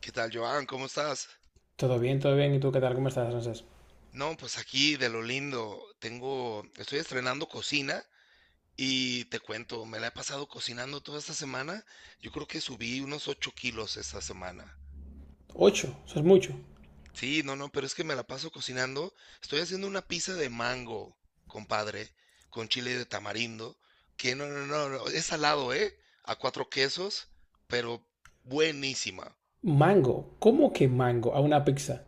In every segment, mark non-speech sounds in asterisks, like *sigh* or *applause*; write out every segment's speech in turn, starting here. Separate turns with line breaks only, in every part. ¿Qué tal, Joan? ¿Cómo estás?
Todo bien, todo bien. ¿Y tú qué tal? ¿Cómo estás, Francés?
No, pues aquí de lo lindo, estoy estrenando cocina y te cuento, me la he pasado cocinando toda esta semana. Yo creo que subí unos 8 kilos esta semana.
Ocho, eso es mucho.
Sí, no, no, pero es que me la paso cocinando. Estoy haciendo una pizza de mango, compadre, con chile de tamarindo, que no, no, no, no, es salado, ¿eh? A cuatro quesos, pero buenísima.
Mango, ¿cómo que mango a una pizza?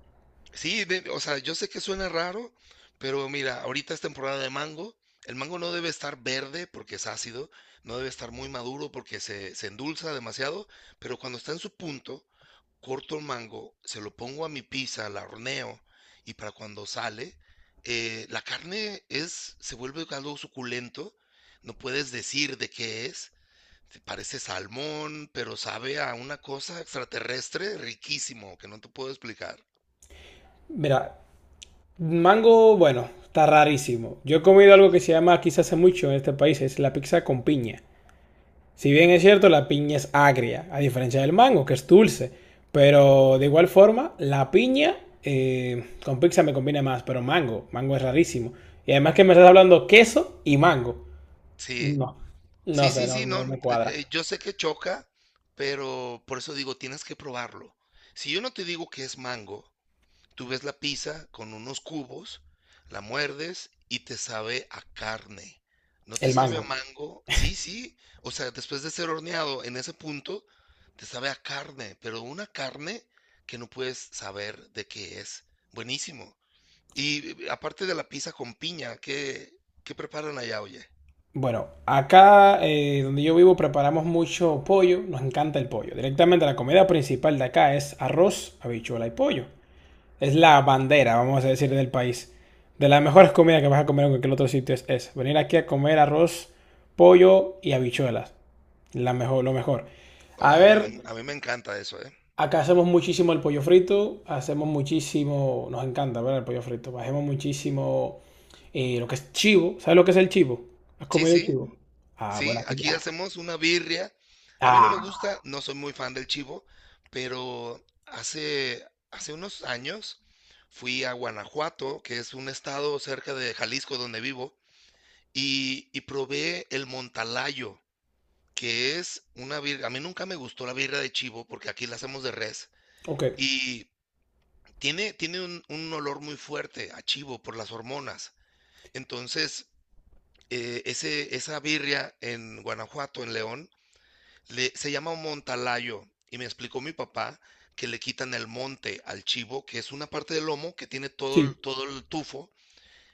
Sí, de o sea, yo sé que suena raro, pero mira, ahorita es temporada de mango. El mango no debe estar verde porque es ácido, no debe estar muy maduro porque se endulza demasiado, pero cuando está en su punto, corto el mango, se lo pongo a mi pizza, la horneo, y para cuando sale, la carne se vuelve algo suculento, no puedes decir de qué es, te parece salmón, pero sabe a una cosa extraterrestre riquísimo que no te puedo explicar.
Mira, mango, bueno, está rarísimo. Yo he comido algo que se llama aquí se hace mucho en este país, es la pizza con piña. Si bien es cierto, la piña es agria, a diferencia del mango, que es dulce. Pero de igual forma, la piña con pizza me combina más, pero mango, mango es rarísimo. Y además que me estás hablando queso y mango.
Sí.
No, no
Sí,
sé,
sí,
no,
sí, no,
no.
yo sé que choca, pero por eso digo, tienes que probarlo. Si yo no te digo que es mango, tú ves la pizza con unos cubos, la muerdes y te sabe a carne. ¿No te
El
sabe a
mango.
mango? Sí, sí. O sea, después de ser horneado en ese punto, te sabe a carne, pero una carne que no puedes saber de qué es. Buenísimo. Y aparte de la pizza con piña, ¿qué preparan allá, oye?
Bueno, acá donde yo vivo preparamos mucho pollo, nos encanta el pollo. Directamente la comida principal de acá es arroz, habichuela y pollo. Es la bandera, vamos a decir, del país. De las mejores comidas que vas a comer en cualquier otro sitio es esa. Venir aquí a comer arroz, pollo y habichuelas. La mejor, lo mejor.
Oh,
A ver,
a mí me encanta eso, ¿eh?
acá hacemos muchísimo el pollo frito, hacemos muchísimo, nos encanta, ¿verdad? El pollo frito, hacemos muchísimo lo que es chivo, ¿sabes lo que es el chivo? ¿Has
Sí,
comido el
sí,
chivo? Ah,
sí,
bueno, sí,
aquí
ah,
hacemos una birria. A mí no me
ah,
gusta, no soy muy fan del chivo, pero hace, hace unos años fui a Guanajuato, que es un estado cerca de Jalisco donde vivo, y probé el montalayo, que es una birria. A mí nunca me gustó la birria de chivo porque aquí la hacemos de res
ok,
y tiene un olor muy fuerte a chivo por las hormonas. Entonces, esa birria en Guanajuato, en León, se llama montalayo y me explicó mi papá que le quitan el monte al chivo, que es una parte del lomo que tiene
sí.
todo el tufo.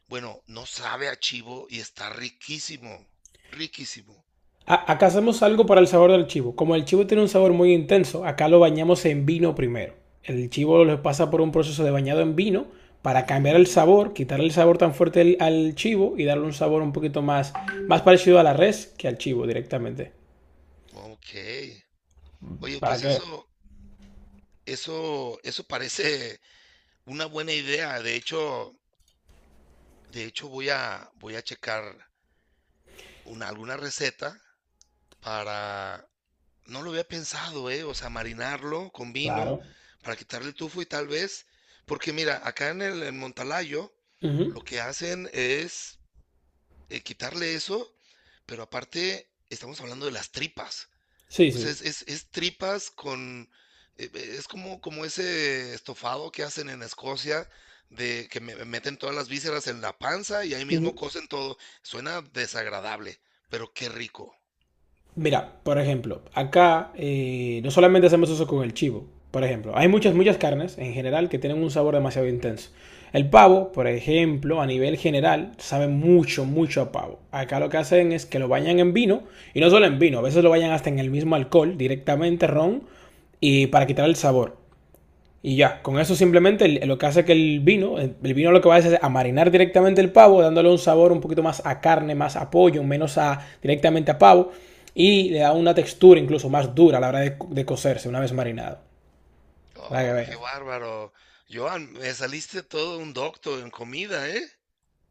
Bueno, no sabe a chivo y está riquísimo, riquísimo.
Acá hacemos algo para el sabor del chivo. Como el chivo tiene un sabor muy intenso, acá lo bañamos en vino primero. El chivo lo pasa por un proceso de bañado en vino para cambiar el
Mm,
sabor, quitarle el sabor tan fuerte al chivo y darle un sabor un poquito más, más parecido a la res que al chivo directamente.
ok. Oye,
¿Para qué?
eso parece una buena idea. De hecho voy a checar alguna receta para... No lo había pensado, ¿eh? O sea, marinarlo con vino
Claro.
para quitarle el tufo y tal vez, porque mira, acá en Montalayo
Ujú.
lo que hacen es quitarle eso, pero aparte estamos hablando de las tripas.
Sí,
O sea,
sí.
es tripas con... es como, como ese estofado que hacen en Escocia, de que me meten todas las vísceras en la panza y ahí mismo
Ujú.
cocen todo. Suena desagradable, pero qué rico.
Mira, por ejemplo, acá no solamente hacemos eso con el chivo. Por ejemplo, hay muchas, muchas carnes en general que tienen un sabor demasiado intenso. El pavo, por ejemplo, a nivel general, sabe mucho, mucho a pavo. Acá lo que hacen es que lo bañan en vino, y no solo en vino, a veces lo bañan hasta en el mismo alcohol, directamente ron, y para quitar el sabor. Y ya, con eso simplemente lo que hace que el vino lo que va a hacer es a marinar directamente el pavo, dándole un sabor un poquito más a carne, más a pollo, menos a directamente a pavo, y le da una textura incluso más dura a la hora de cocerse una vez marinado. Para que
Oh, qué
vean.
bárbaro. Joan, me saliste todo un doctor en comida, ¿eh?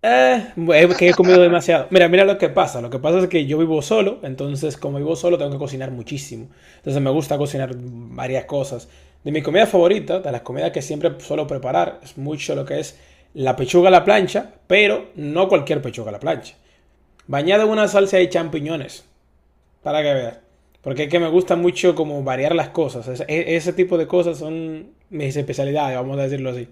Es que he comido demasiado. Mira, mira lo que pasa. Lo que pasa es que yo vivo solo, entonces como vivo solo tengo que cocinar muchísimo. Entonces me gusta cocinar varias cosas. De mi comida favorita, de las comidas que siempre suelo preparar, es mucho lo que es la pechuga a la plancha, pero no cualquier pechuga a la plancha. Bañada en una salsa de champiñones, para que veas. Porque es que me gusta mucho como variar las cosas. Ese tipo de cosas son mis especialidades, vamos a decirlo así.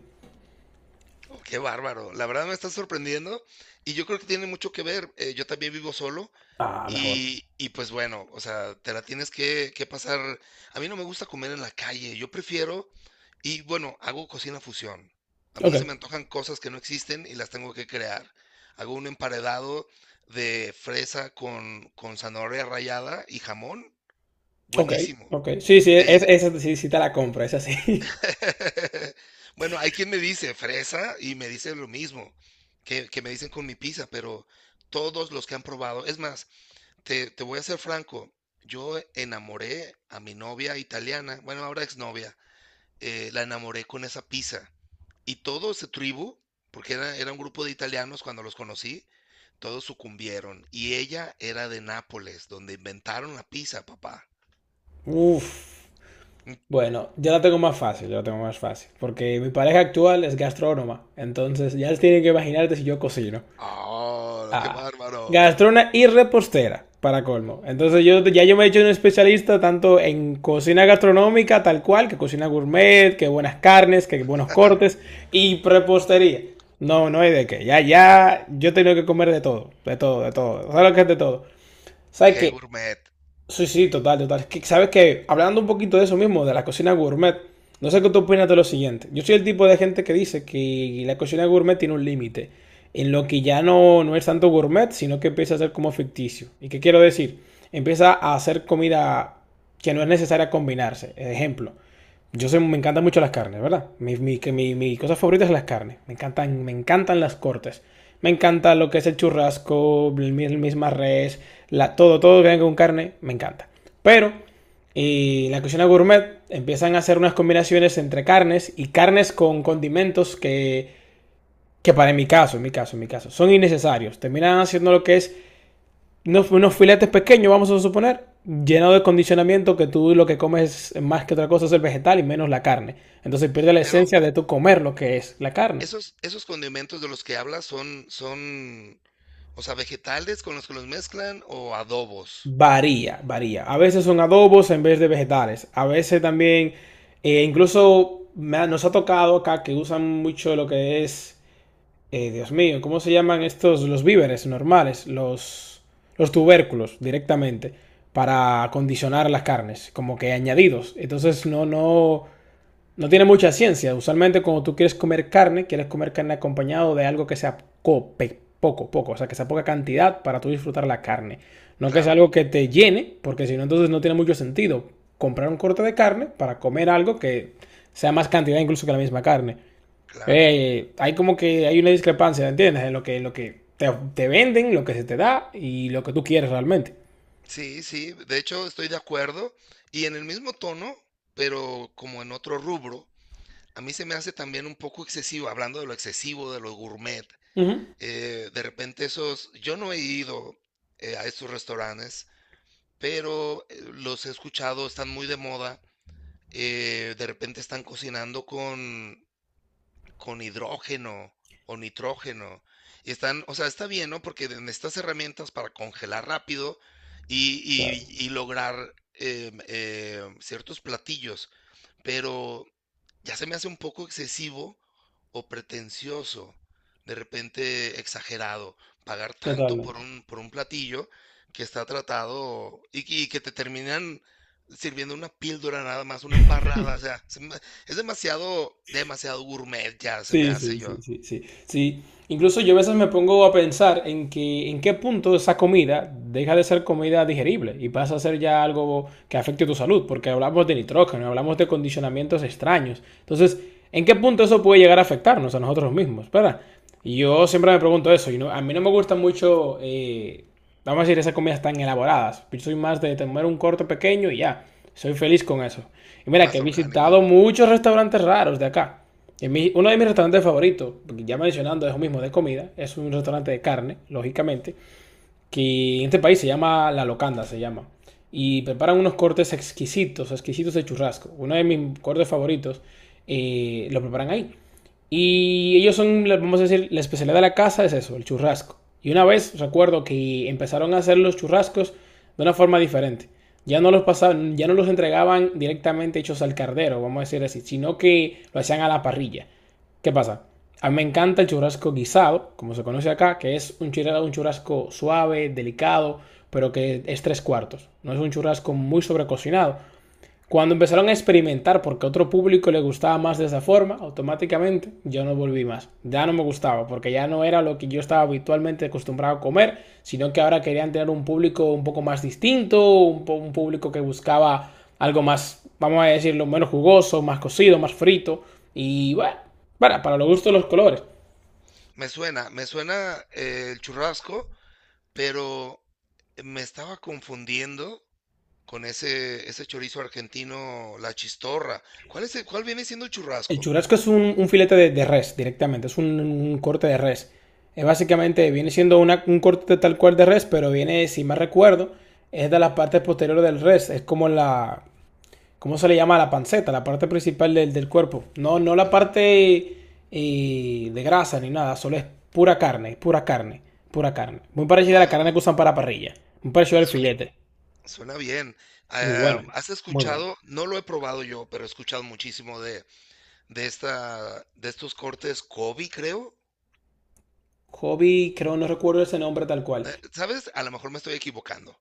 Oh, qué bárbaro. La verdad me está sorprendiendo y yo creo que tiene mucho que ver. Yo también vivo solo
Ah, mejor.
y pues bueno, o sea, te la tienes que pasar. A mí no me gusta comer en la calle, yo prefiero, y bueno, hago cocina fusión. A mí
Ok.
se me antojan cosas que no existen y las tengo que crear. Hago un emparedado de fresa con zanahoria rallada y jamón,
Ok,
buenísimo.
ok. Sí, sí,
Eh,
esa sí, sí te la compro, esa sí.
*laughs* Bueno, hay quien me dice fresa y me dice lo mismo que me dicen con mi pizza, pero todos los que han probado, es más, te voy a ser franco, yo enamoré a mi novia italiana, bueno, ahora exnovia, la enamoré con esa pizza. Y todo ese tribu, porque era un grupo de italianos cuando los conocí, todos sucumbieron. Y ella era de Nápoles, donde inventaron la pizza, papá.
*laughs* Uf.
Mm.
Bueno, ya la tengo más fácil, ya la tengo más fácil. Porque mi pareja actual es gastrónoma. Entonces ya tienen que imaginarte si yo cocino.
¡Oh, qué
Ah.
bárbaro!
Gastrona y repostera, para colmo. Entonces yo ya yo me he hecho un especialista tanto en cocina gastronómica, tal cual, que cocina gourmet, que buenas carnes, que buenos cortes, y prepostería. No, no hay de qué. Ya, ya, yo tengo que comer de todo, de todo, de todo. ¿Sabes lo que es de todo? ¿Sabes
¡Qué
qué?
gourmet!
Sí, sí, total, total. Es que, ¿sabes que hablando un poquito de eso mismo, de la cocina gourmet, no sé qué tú opinas de lo siguiente? Yo soy el tipo de gente que dice que la cocina gourmet tiene un límite, en lo que ya no, no es tanto gourmet, sino que empieza a ser como ficticio. ¿Y qué quiero decir? Empieza a hacer comida que no es necesaria combinarse. Ejemplo, yo sé, me encantan mucho las carnes, ¿verdad? Que mi cosa favorita es las carnes. Me encantan las cortes. Me encanta lo que es el churrasco, el misma res, la, todo, todo que venga con carne, me encanta. Pero y en la cocina gourmet empiezan a hacer unas combinaciones entre carnes y carnes con condimentos que para mi caso, en mi caso, en mi caso, son innecesarios. Terminan haciendo lo que es unos filetes pequeños, vamos a suponer, lleno de condicionamiento que tú lo que comes más que otra cosa es el vegetal y menos la carne. Entonces pierde la
Pero
esencia de tu comer lo que es la carne.
esos esos condimentos de los que hablas son, o sea, ¿vegetales con los que los mezclan o adobos?
Varía, varía. A veces son adobos en vez de vegetales. A veces también, incluso nos ha tocado acá que usan mucho lo que es, Dios mío, ¿cómo se llaman estos? Los víveres normales, los tubérculos directamente para condicionar las carnes, como que añadidos. Entonces no, no, no tiene mucha ciencia. Usualmente cuando tú quieres comer carne acompañado de algo que sea poco, poco, o sea, que sea poca cantidad para tú disfrutar la carne. No que sea
Claro,
algo que te llene, porque si no, entonces no tiene mucho sentido comprar un corte de carne para comer algo que sea más cantidad incluso que la misma carne.
claro.
Hay como que hay una discrepancia, ¿entiendes? En lo que te venden, lo que se te da y lo que tú quieres realmente.
Sí, sí, de hecho, estoy de acuerdo. Y en el mismo tono, pero como en otro rubro, a mí se me hace también un poco excesivo, hablando de lo excesivo, de lo gourmet.
Uh -huh.
De repente esos, yo no he ido a estos restaurantes, pero los he escuchado, están muy de moda. De repente están cocinando con hidrógeno o nitrógeno. Y están, o sea, está bien, ¿no? Porque necesitas herramientas para congelar rápido y,
Claro.
y lograr ciertos platillos, pero ya se me hace un poco excesivo o pretencioso, de repente exagerado, pagar tanto por
Totalmente.
por un platillo que está tratado, y que te terminan sirviendo una píldora nada más, una embarrada, es demasiado, demasiado gourmet ya se me
Sí,
hace,
sí,
yo,
sí, sí, sí, sí. Incluso yo a veces me pongo a pensar en que en qué punto esa comida deja de ser comida digerible y pasa a ser ya algo que afecte tu salud, porque hablamos de nitrógeno, hablamos de condicionamientos extraños. Entonces, ¿en qué punto eso puede llegar a afectarnos a nosotros mismos? ¿Verdad? Y yo siempre me pregunto eso, y a mí no me gustan mucho, vamos a decir, esas comidas tan elaboradas. Yo soy más de comer un corte pequeño y ya, soy feliz con eso. Y mira, que
más
he
orgánico.
visitado muchos restaurantes raros de acá. Uno de mis restaurantes favoritos, ya mencionando, es lo mismo de comida, es un restaurante de carne, lógicamente, que en este país se llama La Locanda, se llama. Y preparan unos cortes exquisitos, exquisitos de churrasco. Uno de mis cortes favoritos lo preparan ahí. Y ellos son, vamos a decir, la especialidad de la casa es eso, el churrasco. Y una vez recuerdo que empezaron a hacer los churrascos de una forma diferente. Ya no los pasaban, ya no los entregaban directamente hechos al cardero, vamos a decir así, sino que lo hacían a la parrilla. ¿Qué pasa? A mí me encanta el churrasco guisado, como se conoce acá, que es un churrasco suave, delicado, pero que es tres cuartos. No es un churrasco muy sobrecocinado, cuando empezaron a experimentar porque a otro público le gustaba más de esa forma, automáticamente yo no volví más. Ya no me gustaba porque ya no era lo que yo estaba habitualmente acostumbrado a comer, sino que ahora querían tener un público un poco más distinto, un público que buscaba algo más, vamos a decirlo, menos jugoso, más cocido, más frito. Y bueno, para los gustos de los colores.
Me suena el churrasco, pero me estaba confundiendo con ese chorizo argentino, la chistorra. ¿Cuál viene siendo el
El
churrasco?
churrasco es un filete de res directamente, es un corte de res. Es básicamente, viene siendo un corte tal cual de res, pero viene, si mal recuerdo, es de las partes posteriores del res. Es como la, ¿cómo se le llama? La panceta, la parte principal del cuerpo. No, no la
Ujú.
parte de grasa ni nada, solo es pura carne, pura carne, pura carne. Muy parecido a la
Bueno,
carne que usan para parrilla. Muy parecido al
suen
filete.
suena bien.
Muy bueno,
Ah, ¿has
muy bueno.
escuchado? No lo he probado yo, pero he escuchado muchísimo de esta de estos cortes Kobe, creo.
Hobby, creo, no recuerdo ese nombre tal cual.
¿Sabes? A lo mejor me estoy equivocando,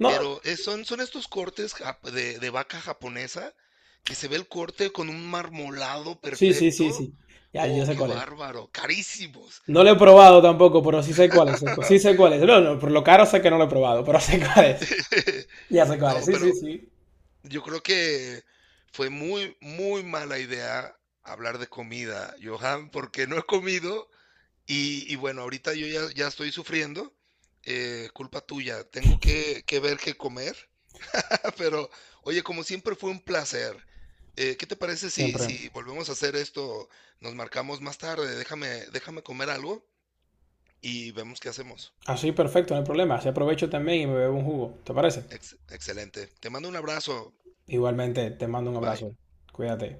No,
pero, son estos cortes jap de vaca japonesa, que se ve el corte con un marmolado
sí, sí,
perfecto.
sí, sí. Ya, ya
Oh,
sé
qué
cuál es.
bárbaro, carísimos.
No lo he probado tampoco, pero sí sé cuál es. Sí sé cuál es. No, no, por lo caro sé que no lo he probado, pero *laughs* sé cuál es.
*laughs*
Ya sé cuál es.
No,
Sí, sí,
pero
sí.
yo creo que fue muy, muy mala idea hablar de comida, Johan, porque no he comido y bueno, ahorita yo ya estoy sufriendo. Culpa tuya, tengo que ver qué comer. *laughs* Pero, oye, como siempre fue un placer. ¿Qué te parece
Siempre.
si volvemos a hacer esto? Nos marcamos más tarde, déjame, déjame comer algo y vemos qué hacemos.
Así, perfecto, no hay problema. Así aprovecho también y me bebo un jugo. ¿Te parece?
Excelente. Te mando un abrazo.
Igualmente, te mando un
Bye.
abrazo. Cuídate.